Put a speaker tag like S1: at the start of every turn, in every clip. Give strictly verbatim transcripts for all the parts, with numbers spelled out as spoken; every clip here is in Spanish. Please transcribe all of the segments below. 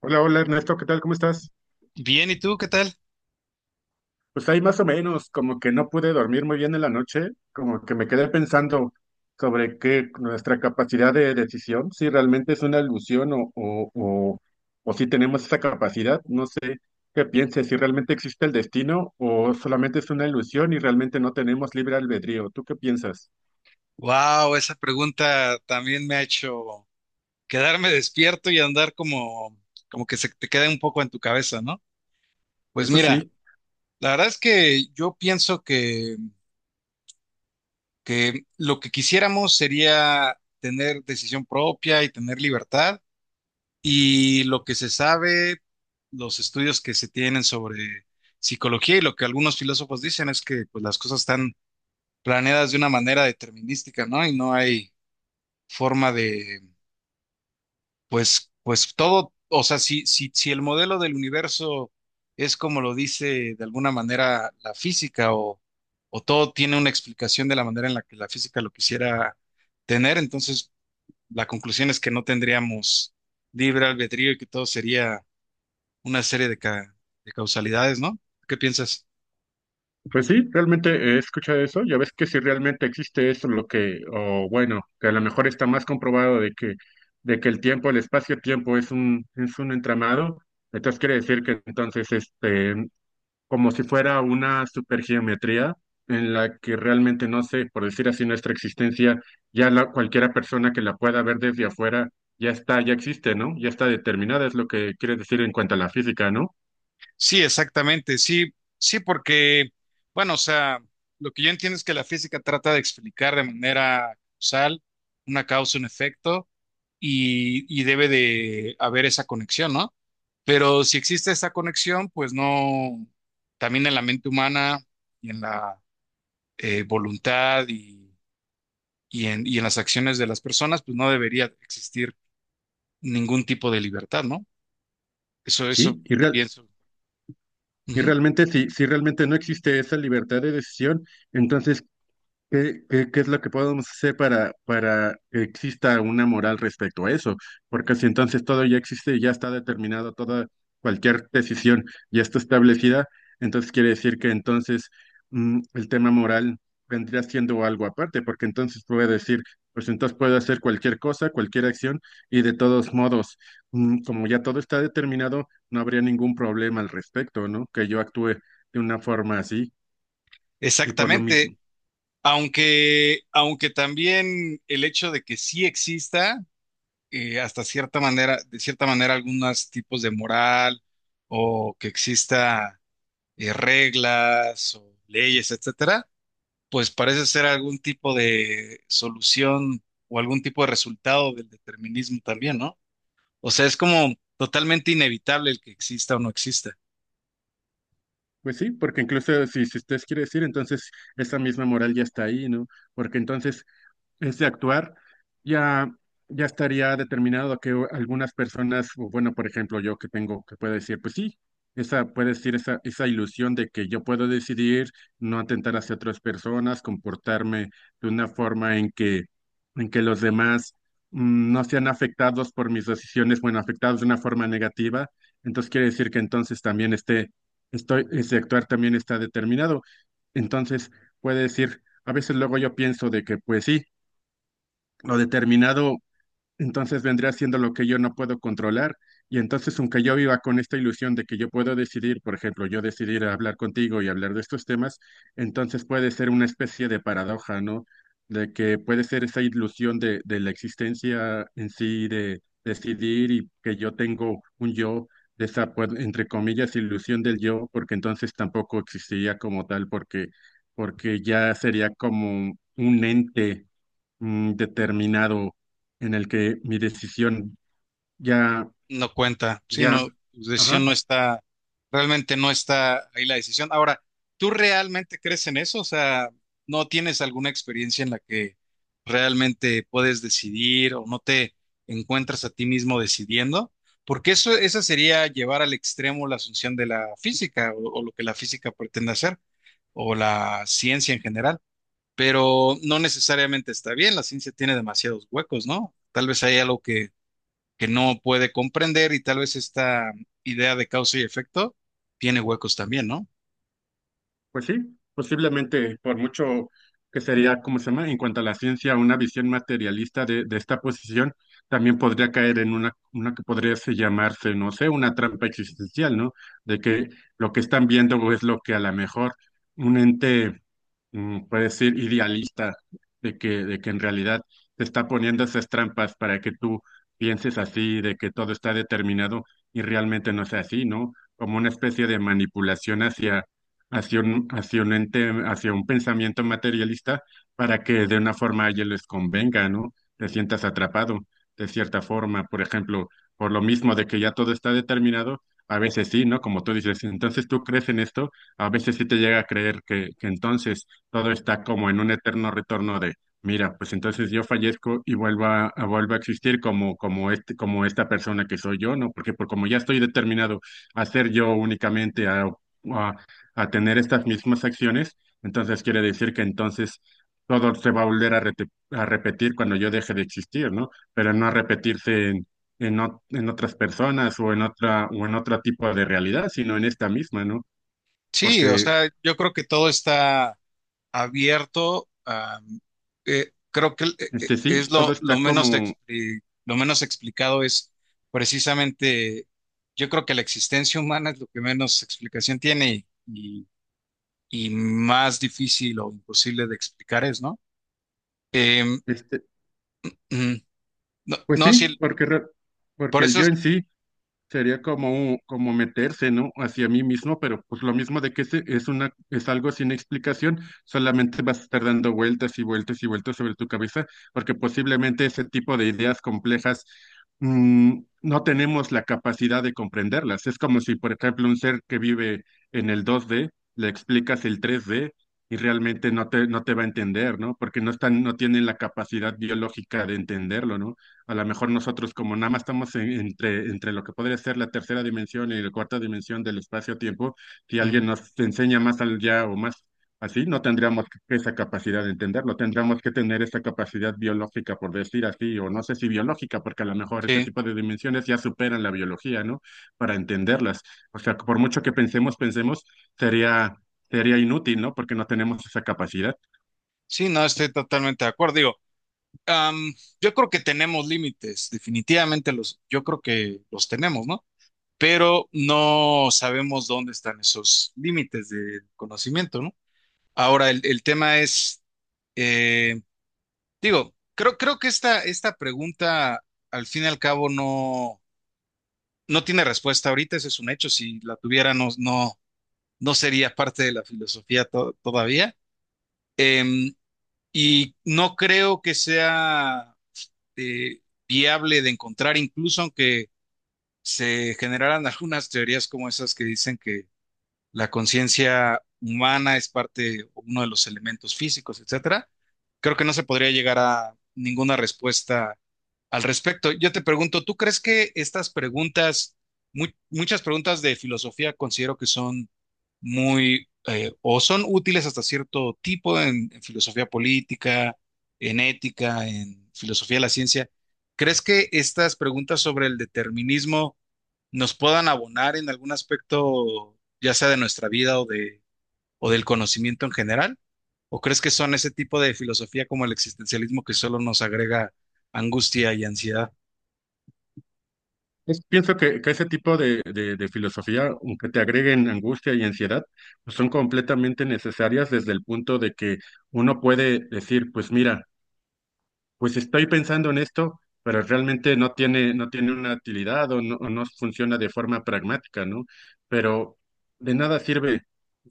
S1: Hola, hola Ernesto, ¿qué tal? ¿Cómo estás?
S2: Bien, ¿y tú qué tal?
S1: Pues ahí más o menos, como que no pude dormir muy bien en la noche, como que me quedé pensando sobre qué nuestra capacidad de decisión, si realmente es una ilusión o, o, o, o si tenemos esa capacidad, no sé qué pienses, si realmente existe el destino o solamente es una ilusión y realmente no tenemos libre albedrío. ¿Tú qué piensas?
S2: Wow, esa pregunta también me ha hecho quedarme despierto y andar como, como que se te queda un poco en tu cabeza, ¿no? Pues
S1: Eso
S2: mira,
S1: sí.
S2: la verdad es que yo pienso que, que lo que quisiéramos sería tener decisión propia y tener libertad. Y lo que se sabe, los estudios que se tienen sobre psicología y lo que algunos filósofos dicen es que pues, las cosas están planeadas de una manera determinística, ¿no? Y no hay forma de... Pues, pues todo, o sea, si, si, si el modelo del universo es como lo dice de alguna manera la física o, o todo tiene una explicación de la manera en la que la física lo quisiera tener, entonces la conclusión es que no tendríamos libre albedrío y que todo sería una serie de, ca- de causalidades, ¿no? ¿Qué piensas?
S1: Pues sí, realmente he escuchado eso. Ya ves que si realmente existe eso, lo que, o bueno, que a lo mejor está más comprobado de que, de que el tiempo, el espacio-tiempo es un, es un entramado. Entonces quiere decir que entonces, este, como si fuera una supergeometría en la que realmente no sé, por decir así, nuestra existencia, ya la, cualquiera persona que la pueda ver desde afuera, ya está, ya existe, ¿no? Ya está determinada, es lo que quiere decir en cuanto a la física, ¿no?
S2: Sí, exactamente, sí, sí, porque, bueno, o sea, lo que yo entiendo es que la física trata de explicar de manera causal una causa, un efecto y, y debe de haber esa conexión, ¿no? Pero si existe esa conexión, pues no, también en la mente humana y en la eh, voluntad y, y en, y en las acciones de las personas, pues no debería existir ningún tipo de libertad, ¿no? Eso, eso
S1: Sí, y real,
S2: pienso.
S1: Y
S2: Ujú.
S1: realmente, si, si realmente no existe esa libertad de decisión, entonces ¿Qué, qué- qué es lo que podemos hacer para, para que exista una moral respecto a eso? Porque si entonces todo ya existe y ya está determinado, toda cualquier decisión ya está establecida, entonces quiere decir que entonces mm, el tema moral vendría siendo algo aparte, porque entonces puede decir, pues entonces puedo hacer cualquier cosa, cualquier acción, y de todos modos, mm, como ya todo está determinado, no habría ningún problema al respecto, ¿no? Que yo actúe de una forma así. Y por lo
S2: Exactamente.
S1: mismo.
S2: Aunque, aunque también el hecho de que sí exista, eh, hasta cierta manera, de cierta manera, algunos tipos de moral o que exista eh, reglas o leyes, etcétera, pues parece ser algún tipo de solución o algún tipo de resultado del determinismo también, ¿no? O sea, es como totalmente inevitable el que exista o no exista.
S1: Pues sí, porque incluso si, si usted quiere decir, entonces esa misma moral ya está ahí, ¿no? Porque entonces es de actuar, ya, ya estaría determinado que u- algunas personas, o bueno, por ejemplo, yo que tengo, que puedo decir, pues sí, esa, puede decir esa, esa ilusión de que yo puedo decidir no atentar hacia otras personas, comportarme de una forma en que, en que los demás mm, no sean afectados por mis decisiones, bueno, afectados de una forma negativa. Entonces quiere decir que entonces también este, estoy, ese actuar también está determinado. Entonces puede decir, a veces luego yo pienso de que, pues sí, lo determinado entonces vendría siendo lo que yo no puedo controlar. Y entonces, aunque yo viva con esta ilusión de que yo puedo decidir, por ejemplo, yo decidir hablar contigo y hablar de estos temas, entonces puede ser una especie de paradoja, ¿no? De que puede ser esa ilusión de, de la existencia en sí, de decidir y que yo tengo un yo, de esa, pues, entre comillas, ilusión del yo, porque entonces tampoco existiría como tal, porque, porque ya sería como un ente mm, determinado en el que mi decisión ya,
S2: No cuenta. Sí,
S1: ya,
S2: no, tu decisión no
S1: ajá.
S2: está, realmente no está ahí la decisión. Ahora, ¿tú realmente crees en eso? O sea, ¿no tienes alguna experiencia en la que realmente puedes decidir o no te encuentras a ti mismo decidiendo? Porque eso, esa sería llevar al extremo la asunción de la física o, o lo que la física pretende hacer o la ciencia en general. Pero no necesariamente está bien, la ciencia tiene demasiados huecos, ¿no? Tal vez hay algo que que no puede comprender y tal vez esta idea de causa y efecto tiene huecos también, ¿no?
S1: Pues sí, posiblemente, por mucho que sería, ¿cómo se llama? En cuanto a la ciencia, una visión materialista de, de esta posición, también podría caer en una, una que podría se llamarse, no sé, una trampa existencial, ¿no? De que lo que están viendo es lo que a lo mejor un ente mm, puede decir idealista, de que, de que en realidad te está poniendo esas trampas para que tú pienses así, de que todo está determinado y realmente no es así, ¿no? Como una especie de manipulación hacia un, hacia un ente, hacia un pensamiento materialista para que de una forma a ellos les convenga, ¿no? Te sientas atrapado de cierta forma, por ejemplo, por lo mismo de que ya todo está determinado, a veces sí, ¿no? Como tú dices, entonces tú crees en esto, a veces sí te llega a creer que, que entonces todo está como en un eterno retorno de, mira, pues entonces yo fallezco y vuelvo a, a- vuelvo a existir como, como este, como esta persona que soy yo, ¿no? Porque por como ya estoy determinado a ser yo únicamente, a, a tener estas mismas acciones, entonces quiere decir que entonces todo se va a volver a, rete- a repetir cuando yo deje de existir, ¿no? Pero no a repetirse en, en, ot- en otras personas o en otra o en otro tipo de realidad, sino en esta misma, ¿no?
S2: Sí, o
S1: Porque
S2: sea, yo creo que todo está abierto. A- eh, creo que eh, eh,
S1: este sí,
S2: es
S1: todo
S2: lo, lo
S1: está
S2: menos,
S1: como
S2: expli- lo menos explicado es precisamente, yo creo que la existencia humana es lo que menos explicación tiene y, y y más difícil o imposible de explicar es, ¿no? Em,
S1: este,
S2: ujú. No,
S1: pues
S2: no,
S1: sí,
S2: sí,
S1: porque re-
S2: por
S1: porque el
S2: eso
S1: yo
S2: es...
S1: en sí sería como, un- como meterse, ¿no? Hacia mí mismo, pero pues lo mismo de que es, es una, es algo sin explicación, solamente vas a estar dando vueltas y vueltas y vueltas sobre tu cabeza, porque posiblemente ese tipo de ideas complejas mm, no tenemos la capacidad de comprenderlas. Es como si, por ejemplo, un ser que vive en el dos D, le explicas el tres D y realmente no te, no te va a entender, ¿no? Porque no están, no tienen la capacidad biológica de entenderlo, ¿no? A lo mejor nosotros como nada más estamos en- entre, entre lo que podría ser la tercera dimensión y la cuarta dimensión del espacio-tiempo, si
S2: ujú,
S1: alguien nos enseña más allá o más así, no tendríamos esa capacidad de entenderlo, tendríamos que tener esa capacidad biológica, por decir así, o no sé si biológica, porque a lo mejor ese
S2: sí.
S1: tipo de dimensiones ya superan la biología, ¿no? Para entenderlas. O sea, por mucho que pensemos, pensemos, sería, sería inútil, ¿no? Porque no tenemos esa capacidad.
S2: Sí, no, estoy totalmente de acuerdo. Digo, am, yo creo que tenemos límites, definitivamente los, yo creo que los tenemos, ¿no? Pero no sabemos dónde están esos límites del conocimiento, ¿no? Ahora, el, el tema es, eh, digo, creo, creo que esta, esta pregunta, al fin y al cabo, no, no tiene respuesta ahorita, ese es un hecho. Si la tuviera, no, no, no sería parte de la filosofía to- todavía. Em, y no creo que sea eh, viable de encontrar, incluso aunque se generaran algunas teorías como esas que dicen que la conciencia humana es parte, uno de los elementos físicos, etcétera. Creo que no se podría llegar a ninguna respuesta al respecto. Yo te pregunto, ¿tú crees que estas preguntas, mu- muchas preguntas de filosofía considero que son muy eh, o son útiles hasta cierto tipo en, en filosofía política, en ética, en filosofía de la ciencia? ¿Crees que estas preguntas sobre el determinismo nos puedan abonar en algún aspecto, ya sea de nuestra vida o de, o del conocimiento en general? ¿O crees que son ese tipo de filosofía como el existencialismo que solo nos agrega angustia y ansiedad?
S1: Es- pienso que, que ese tipo de, de- de filosofía, aunque te agreguen angustia y ansiedad, pues son completamente necesarias desde el punto de que uno puede decir, pues mira, pues estoy pensando en esto, pero realmente no tiene, no tiene una utilidad o no, o no funciona de forma pragmática, ¿no? Pero de nada sirve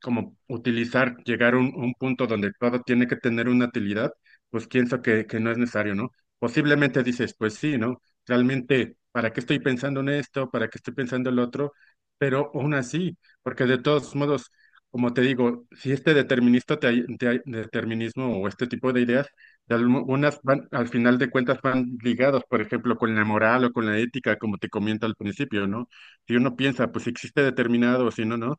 S1: como utilizar, llegar a un, un punto donde todo tiene que tener una utilidad, pues pienso que, que no es necesario, ¿no? Posiblemente dices, pues sí, ¿no? Realmente, ¿para qué estoy pensando en esto? ¿Para qué estoy pensando en lo otro? Pero aún así, porque de todos modos, como te digo, si este determinista te, ay- te ay- determinismo o este tipo de ideas, y algunas van, al final de cuentas, van ligadas, por ejemplo, con la moral o con la ética, como te comento al principio, ¿no? Si uno piensa, pues si existe determinado o si no, no,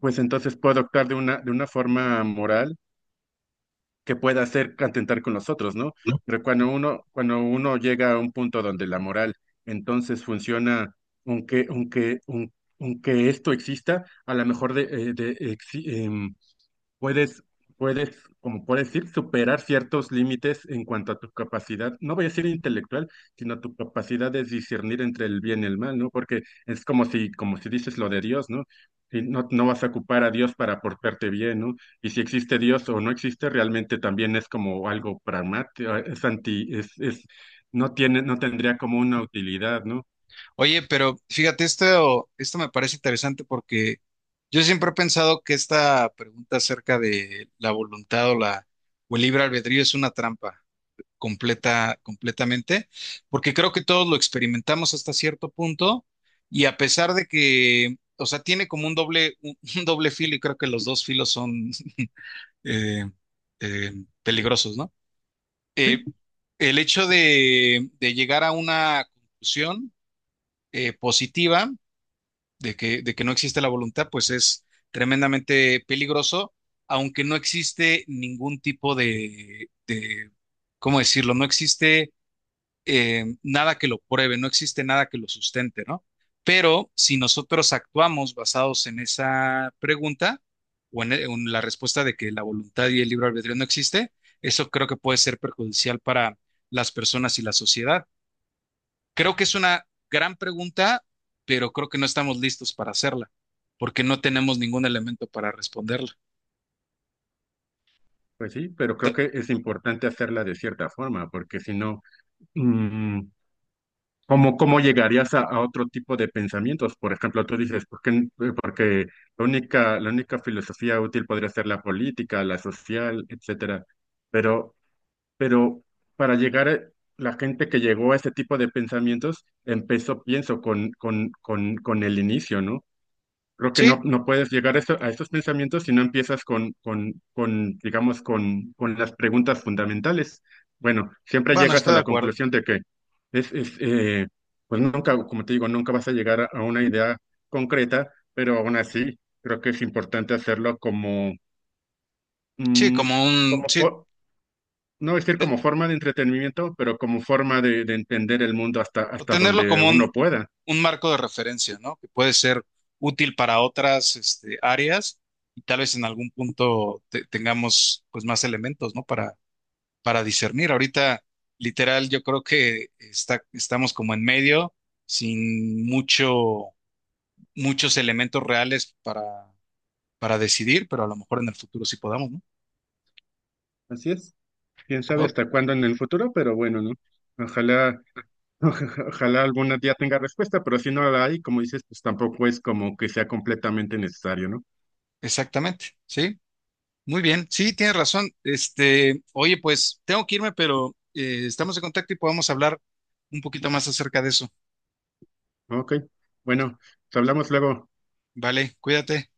S1: pues entonces puedo actuar de una, de una forma moral que pueda hacer atentar con los otros, ¿no? Pero cuando uno, cuando uno llega a un punto donde la moral entonces funciona, aunque, aunque, aun- aunque esto exista, a lo mejor de, eh, de, exi- em, puedes, puedes, como puedes decir, superar ciertos límites en cuanto a tu capacidad, no voy a decir intelectual, sino tu capacidad de discernir entre el bien y el mal, ¿no? Porque es como si, como si dices lo de Dios, ¿no? Y no, no vas a ocupar a Dios para portarte bien, ¿no? Y si existe Dios o no existe, realmente también es como algo pragmático, eh, es anti, es, es, no tiene, no tendría como una utilidad, ¿no?
S2: Oye, pero fíjate, esto, esto me parece interesante porque yo siempre he pensado que esta pregunta acerca de la voluntad o la o el libre albedrío es una trampa. Completa, completamente, porque creo que todos lo experimentamos hasta cierto punto y a pesar de que, o sea, tiene como un doble, un, un doble filo y creo que los dos filos son eh, eh, peligrosos, ¿no? Eh,
S1: Sí,
S2: el hecho de, de llegar a una conclusión eh, positiva de que, de que no existe la voluntad, pues es tremendamente peligroso, aunque no existe ningún tipo de, de ¿cómo decirlo? No existe eh, nada que lo pruebe, no existe nada que lo sustente, ¿no? Pero si nosotros actuamos basados en esa pregunta o en, en la respuesta de que la voluntad y el libre albedrío no existe, eso creo que puede ser perjudicial para las personas y la sociedad. Creo que es una gran pregunta, pero creo que no estamos listos para hacerla, porque no tenemos ningún elemento para responderla.
S1: pues sí, pero creo
S2: T-
S1: que es importante hacerla de cierta forma, porque si no, mm, ¿Cómo, cómo llegarías a, a otro tipo de pensamientos? Por ejemplo, tú dices, ¿por qué, n- eh, porque la única, la única filosofía útil podría ser la política, la social, etcétera. Pero, pero para llegar a la gente que llegó a ese tipo de pensamientos, empezó, pienso, con, con, con, con el inicio, ¿no? Creo que no,
S2: Sí,
S1: no puedes llegar a, eso- a esos pensamientos si no empiezas con, con, con, digamos, con, con las preguntas fundamentales. Bueno, siempre
S2: bueno,
S1: llegas a
S2: estoy de
S1: la
S2: acuerdo.
S1: conclusión de que es, es, eh, pues nunca, como te digo, nunca vas a llegar a, a una idea concreta, pero aún así creo que es importante hacerlo como,
S2: Sí,
S1: mm,
S2: como un,
S1: como
S2: sí,
S1: fo- no decir
S2: eh,
S1: como forma de entretenimiento, pero como forma de, de entender el mundo hasta, hasta
S2: tenerlo
S1: donde
S2: como un,
S1: uno pueda.
S2: un marco de referencia, ¿no? Que puede ser útil para otras, este, áreas y tal vez en algún punto te- tengamos, pues, más elementos, ¿no? Para, para discernir. Ahorita, literal, yo creo que está, estamos como en medio, sin mucho, muchos elementos reales para, para decidir, pero a lo mejor en el futuro sí podamos, ¿no?
S1: Así es. Quién sabe
S2: Ok,
S1: hasta cuándo en el futuro, pero bueno, ¿no? Ojalá. Oja- Ojalá algún día tenga respuesta, pero si no la hay, como dices, pues tampoco es como que sea completamente necesario, ¿no?
S2: exactamente, sí. Muy bien, sí, tienes razón. Este, oye, pues tengo que irme, pero eh, estamos en contacto y podemos hablar un poquito más acerca de eso.
S1: Ok, bueno, te hablamos luego.
S2: Vale, cuídate.